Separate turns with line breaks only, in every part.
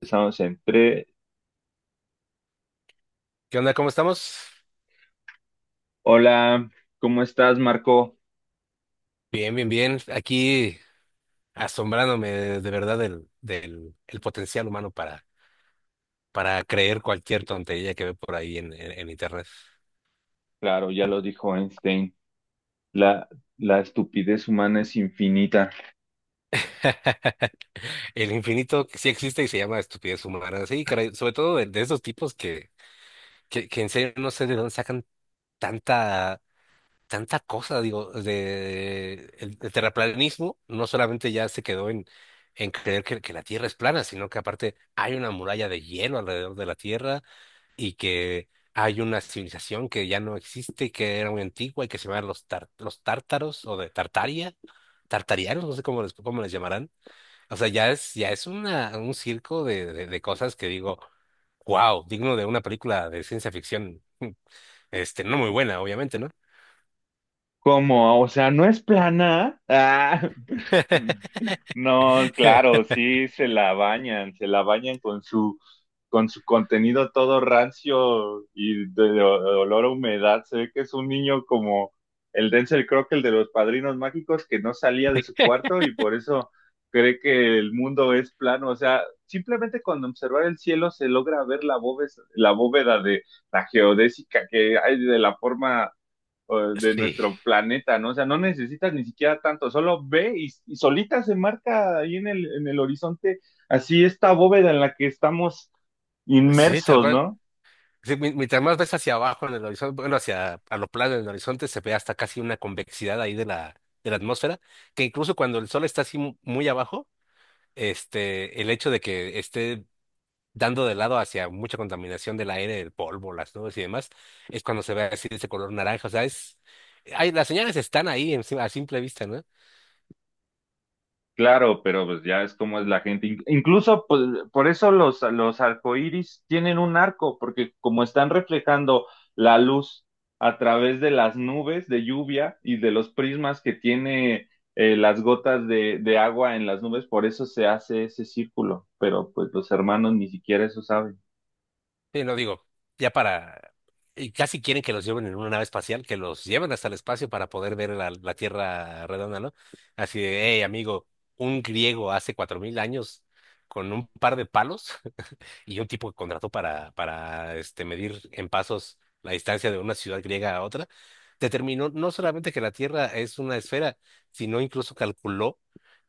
Estamos en tres.
¿Qué onda? ¿Cómo estamos?
Hola, ¿cómo estás, Marco?
Bien, bien, bien. Aquí asombrándome de verdad del, del el potencial humano para creer cualquier tontería que ve por ahí en internet.
Claro, ya lo dijo Einstein. La, la estupidez humana es infinita.
El infinito que sí existe y se llama estupidez humana. Sí, caray, sobre todo de esos tipos que en serio no sé de dónde sacan tanta, tanta cosa. Digo, el terraplanismo no solamente ya se quedó en creer que la Tierra es plana, sino que aparte hay una muralla de hielo alrededor de la Tierra y que hay una civilización que ya no existe, que era muy antigua y que se llaman los tártaros o de Tartaria, tartarianos, no sé cómo les llamarán. O sea, ya es un circo de cosas que digo, wow, digno de una película de ciencia ficción. No muy buena, obviamente, ¿no?
¿Cómo? O sea, ¿no es plana? Ah. No, claro, sí se la bañan con su contenido todo rancio y de olor a humedad. Se ve que es un niño como el Denzel Crockett, de los Padrinos Mágicos, que no salía de su cuarto y por eso cree que el mundo es plano. O sea, simplemente con observar el cielo se logra ver la bóveda de la geodésica que hay de la forma de
Sí,
nuestro planeta, ¿no? O sea, no necesitas ni siquiera tanto, solo ve y solita se marca ahí en el horizonte, así esta bóveda en la que estamos
sí, tal
inmersos,
cual.
¿no?
Sí, mientras más ves hacia abajo en el horizonte, bueno, hacia a lo plano en el horizonte, se ve hasta casi una convexidad ahí de la atmósfera, que incluso cuando el sol está así muy abajo, el hecho de que esté dando de lado hacia mucha contaminación del aire, el polvo, las nubes y demás, es cuando se ve así de ese color naranja. O sea, hay, las señales están ahí encima, a simple vista, ¿no?
Claro, pero pues ya es como es la gente. Incluso pues, por eso los arcoíris tienen un arco, porque como están reflejando la luz a través de las nubes de lluvia y de los prismas que tiene las gotas de agua en las nubes, por eso se hace ese círculo. Pero pues los hermanos ni siquiera eso saben.
Sí, no digo, ya para... Y casi quieren que los lleven en una nave espacial, que los lleven hasta el espacio para poder ver la Tierra redonda, ¿no? Así de, hey, amigo, un griego hace 4000 años con un par de palos y un tipo que contrató para medir en pasos la distancia de una ciudad griega a otra, determinó no solamente que la Tierra es una esfera, sino incluso calculó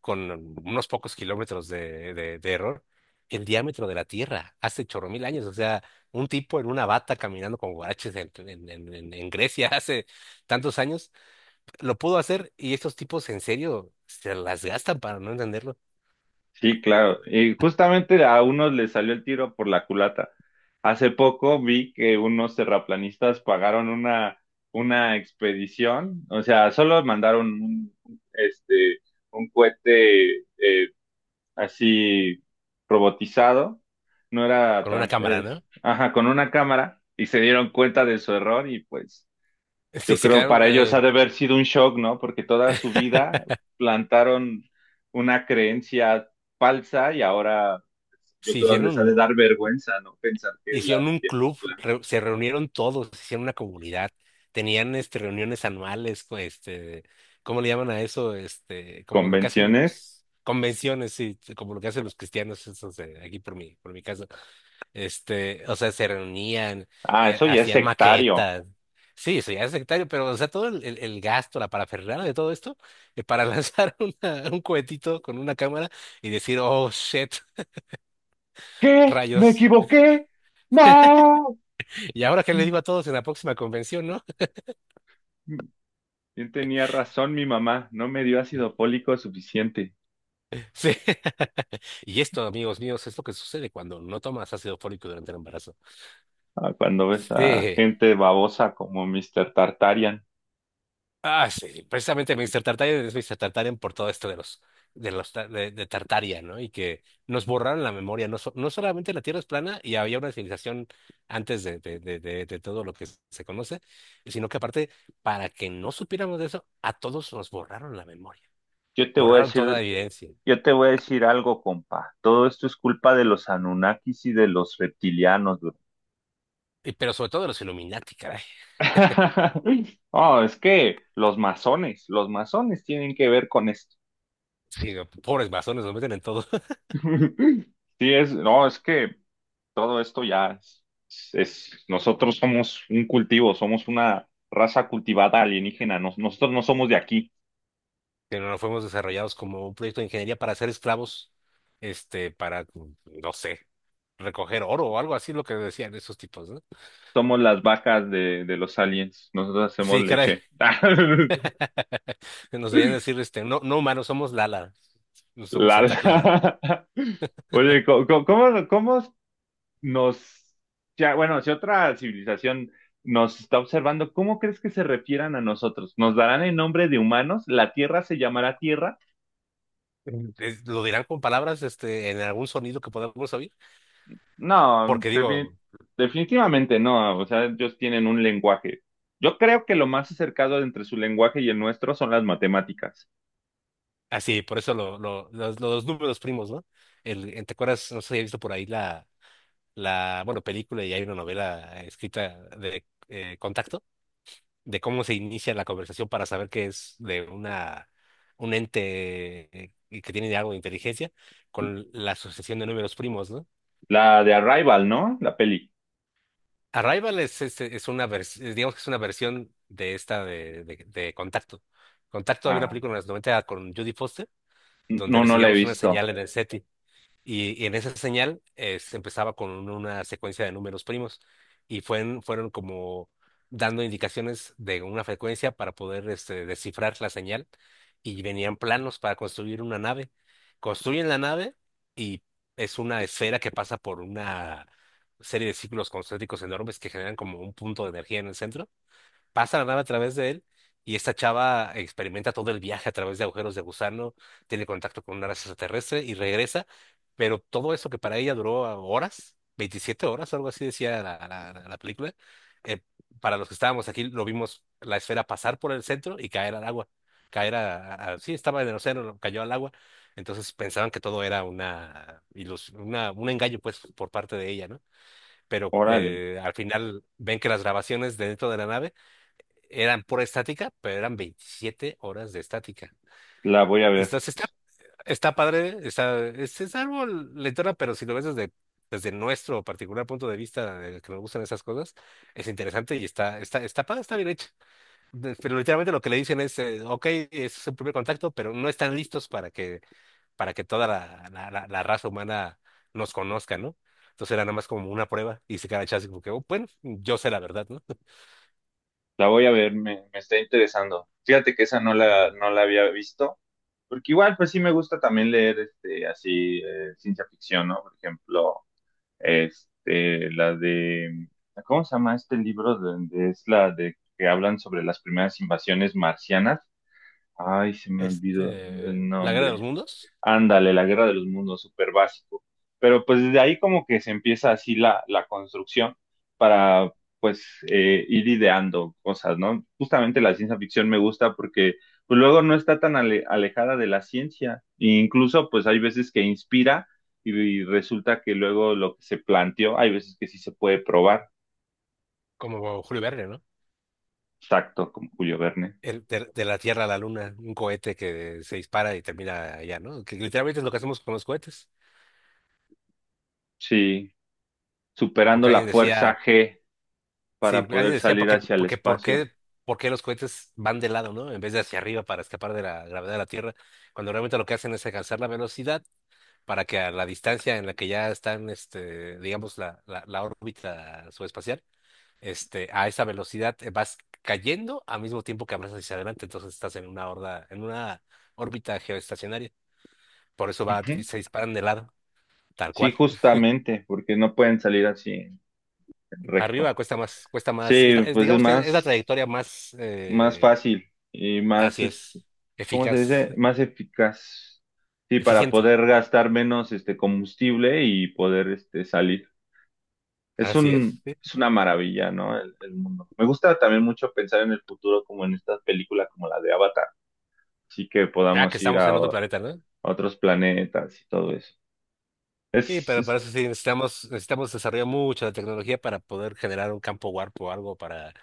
con unos pocos kilómetros de error el diámetro de la Tierra hace chorro mil años. O sea, un tipo en una bata caminando con guaraches en Grecia hace tantos años lo pudo hacer y estos tipos en serio se las gastan para no entenderlo
Sí, claro. Y justamente a unos les salió el tiro por la culata. Hace poco vi que unos terraplanistas pagaron una expedición, o sea, solo mandaron un, este, un cohete así robotizado, no era,
con una
trans-
cámara,
es-
¿no?
ajá, con una cámara y se dieron cuenta de su error y pues
Sí,
yo
se
creo
quedaron,
para ellos ha de haber sido un shock, ¿no? Porque toda su vida plantaron una creencia falsa y ahora yo
se
creo
hicieron
les ha de dar vergüenza, ¿no? Pensar que la
Hicieron un
Tierra es
club,
plana.
se reunieron todos, hicieron una comunidad, tenían reuniones anuales, ¿cómo le llaman a eso? Como lo que hacen
Convenciones.
los convenciones, sí, como lo que hacen los cristianos, esos de aquí por mi casa. O sea, se reunían,
Ah, eso ya es
hacían
sectario.
maquetas. Sí, eso ya es sectario, pero o sea, todo el gasto, la parafernalia de todo esto, para lanzar un cohetito con una cámara y decir, oh, shit,
¿Qué? ¿Me
rayos.
equivoqué? ¡No!
¿Y ahora qué le digo a todos en la próxima convención, no?
¿Quién tenía razón? Mi mamá no me dio ácido fólico suficiente.
Sí. Y esto, amigos míos, es lo que sucede cuando no tomas ácido fólico durante el embarazo.
Ah, cuando ves a
Sí.
gente babosa como Mr. Tartarian.
Ah, sí. Precisamente Mr. Tartarian es Mr. Tartarian por todo esto de los, de Tartaria, ¿no? Y que nos borraron la memoria. No, no solamente la Tierra es plana y había una civilización antes de todo lo que se conoce, sino que aparte, para que no supiéramos de eso, a todos nos borraron la memoria.
Yo te voy a
Borraron toda
decir
evidencia.
Yo te voy a decir algo, compa. Todo esto es culpa de los Anunnakis y de los reptilianos, bro.
Pero sobre todo los Illuminati, caray.
Oh, es que los masones tienen que ver con esto.
Sí, pobres masones, nos meten en todo.
Sí, es, no, es que todo esto ya es, nosotros somos un cultivo, somos una raza cultivada alienígena, nosotros no somos de aquí,
Que no fuimos desarrollados como un proyecto de ingeniería para ser esclavos, para, no sé, recoger oro o algo así, lo que decían esos tipos, ¿no?
somos las vacas de los aliens, nosotros hacemos
Sí, caray,
leche.
nos debían decir, no, no humanos, somos Lala, no somos
La-
Santa Clara.
la- Oye, ¿cómo nos, ya, bueno, si otra civilización nos está observando, ¿cómo crees que se refieran a nosotros? ¿Nos darán el nombre de humanos? ¿La Tierra se llamará Tierra?
Lo dirán con palabras, en algún sonido que podamos oír,
No,
porque digo,
defini- Definitivamente no, o sea, ellos tienen un lenguaje. Yo creo que lo más acercado entre su lenguaje y el nuestro son las matemáticas.
así, por eso los números primos, ¿no? ¿Te acuerdas? No sé si has visto por ahí la, bueno, película y hay una novela escrita de Contacto. De cómo se inicia la conversación para saber que es de una un ente que tiene algo de inteligencia con la asociación de números primos, ¿no?
La de Arrival, ¿no? La peli.
Arrival es, es una versión, digamos que es una versión de esta de Contacto. Contacto había una
Ah,
película en los 90 con Judy Foster, donde
no, no la he
recibíamos una
visto.
señal en el SETI. Y en esa señal se empezaba con una secuencia de números primos y fueron como dando indicaciones de una frecuencia para poder descifrar la señal y venían planos para construir una nave. Construyen la nave y es una esfera que pasa por una serie de círculos concéntricos enormes que generan como un punto de energía en el centro pasa la nave a través de él y esta chava experimenta todo el viaje a través de agujeros de gusano, tiene contacto con una raza extraterrestre y regresa, pero todo eso que para ella duró horas, 27 horas, algo así decía la, la película, eh, para los que estábamos aquí lo vimos la esfera pasar por el centro y caer al agua, caer sí, estaba en el océano, cayó al agua, entonces pensaban que todo era un engaño pues por parte de ella, ¿no? Pero
Órale,
al final ven que las grabaciones de dentro de la nave eran pura estática, pero eran 27 horas de estática.
la voy a ver,
Estás, está, Está padre, es algo lentona, pero si lo ves desde nuestro particular punto de vista, de que nos gustan esas cosas, es interesante y está padre, está bien hecha. Pero literalmente lo que le dicen es, ok, es un primer contacto, pero no están listos para que, toda la raza humana nos conozca, ¿no? Entonces era nada más como una prueba y se queda echado así como que, "Oh, bueno, yo sé la verdad, ¿no?"
la voy a ver, me está interesando. Fíjate que esa
Sí.
no la había visto. Porque igual, pues sí me gusta también leer este, así, ciencia ficción, ¿no? Por ejemplo, este, ¿cómo se llama este libro? Es la de que hablan sobre las primeras invasiones marcianas. Ay, se me olvidó el
La Guerra de los
nombre.
Mundos.
Ándale, la Guerra de los Mundos, súper básico. Pero pues desde ahí como que se empieza así la, la construcción para pues ir ideando cosas, ¿no? Justamente la ciencia ficción me gusta porque pues luego no está tan alejada de la ciencia. E incluso pues hay veces que inspira y resulta que luego lo que se planteó, hay veces que sí se puede probar.
Como Julio Verne, ¿no?
Exacto, como Julio Verne.
De la Tierra a la Luna, un cohete que se dispara y termina allá, ¿no? Que literalmente es lo que hacemos con los cohetes.
Sí, superando
Porque alguien
la
decía,
fuerza G
sí,
para
alguien
poder
decía,
salir hacia el
¿por
espacio.
qué, por qué los cohetes van de lado, ¿no? En vez de hacia arriba para escapar de la gravedad de la Tierra, cuando realmente lo que hacen es alcanzar la velocidad para que a la distancia en la que ya están, digamos, la órbita subespacial, a esa velocidad vas cayendo al mismo tiempo que avanzas hacia adelante, entonces estás en una horda, en una órbita geoestacionaria. Por eso va, se disparan de lado, tal
Sí,
cual.
justamente, porque no pueden salir así en
Arriba
recto.
cuesta más,
Sí, pues es
digamos que es la
más,
trayectoria más,
más fácil y más,
así
es-
es,
¿cómo se
eficaz,
dice? Más eficaz. Sí, para
eficiente.
poder gastar menos este combustible y poder este salir.
Así es, sí.
Es una maravilla, ¿no? El mundo. Me gusta también mucho pensar en el futuro como en estas películas como la de Avatar, así que
Ya que
podamos ir
estamos en otro planeta, ¿no?
a otros planetas y todo
Sí,
eso.
pero para eso sí necesitamos desarrollar mucho la tecnología para poder generar un campo warp o algo para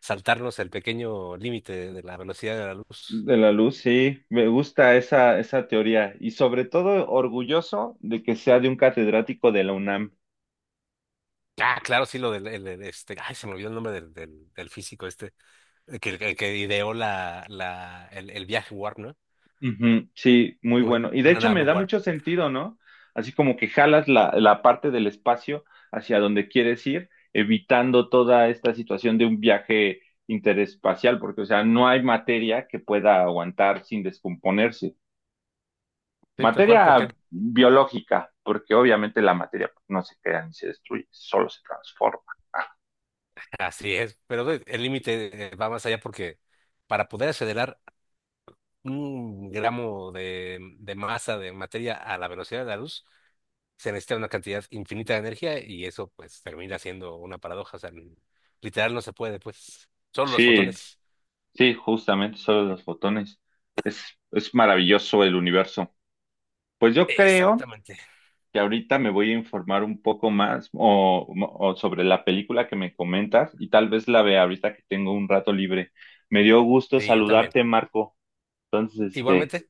saltarnos el pequeño límite de la velocidad de la luz.
De la luz, sí, me gusta esa, esa teoría y sobre todo orgulloso de que sea de un catedrático de la UNAM.
Ah, claro, sí, lo del se me olvidó el nombre del físico este, que ideó la, el viaje Warp, ¿no?
Ujú, sí, muy
Una,
bueno. Y de
una
hecho
nave
me da
Warp.
mucho sentido, ¿no? Así como que jalas la parte del espacio hacia donde quieres ir, evitando toda esta situación de un viaje interespacial, porque, o sea, no hay materia que pueda aguantar sin descomponerse.
Sí, tal cual, porque
Materia biológica, porque obviamente la materia pues, no se crea ni se destruye, solo se transforma.
así es, pero el límite va más allá porque para poder acelerar un gramo de masa de materia a la velocidad de la luz, se necesita una cantidad infinita de energía y eso pues termina siendo una paradoja, o sea, literal no se puede, pues, solo los
Sí,
fotones.
sí, justamente solo los botones. Es, es maravilloso el universo. Pues yo creo
Exactamente.
que ahorita me voy a informar un poco más o sobre la película que me comentas y tal vez la vea ahorita que tengo un rato libre. Me dio gusto
Sí, yo también.
saludarte, Marco. Entonces, este,
Igualmente.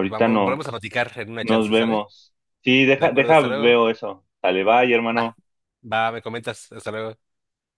Pues vamos, volvemos a
nos,
platicar en una
nos
chance, ¿sale?
vemos. Sí,
De acuerdo,
deja,
hasta luego.
veo eso. Dale, bye,
Va.
hermano.
Va, me comentas, hasta luego.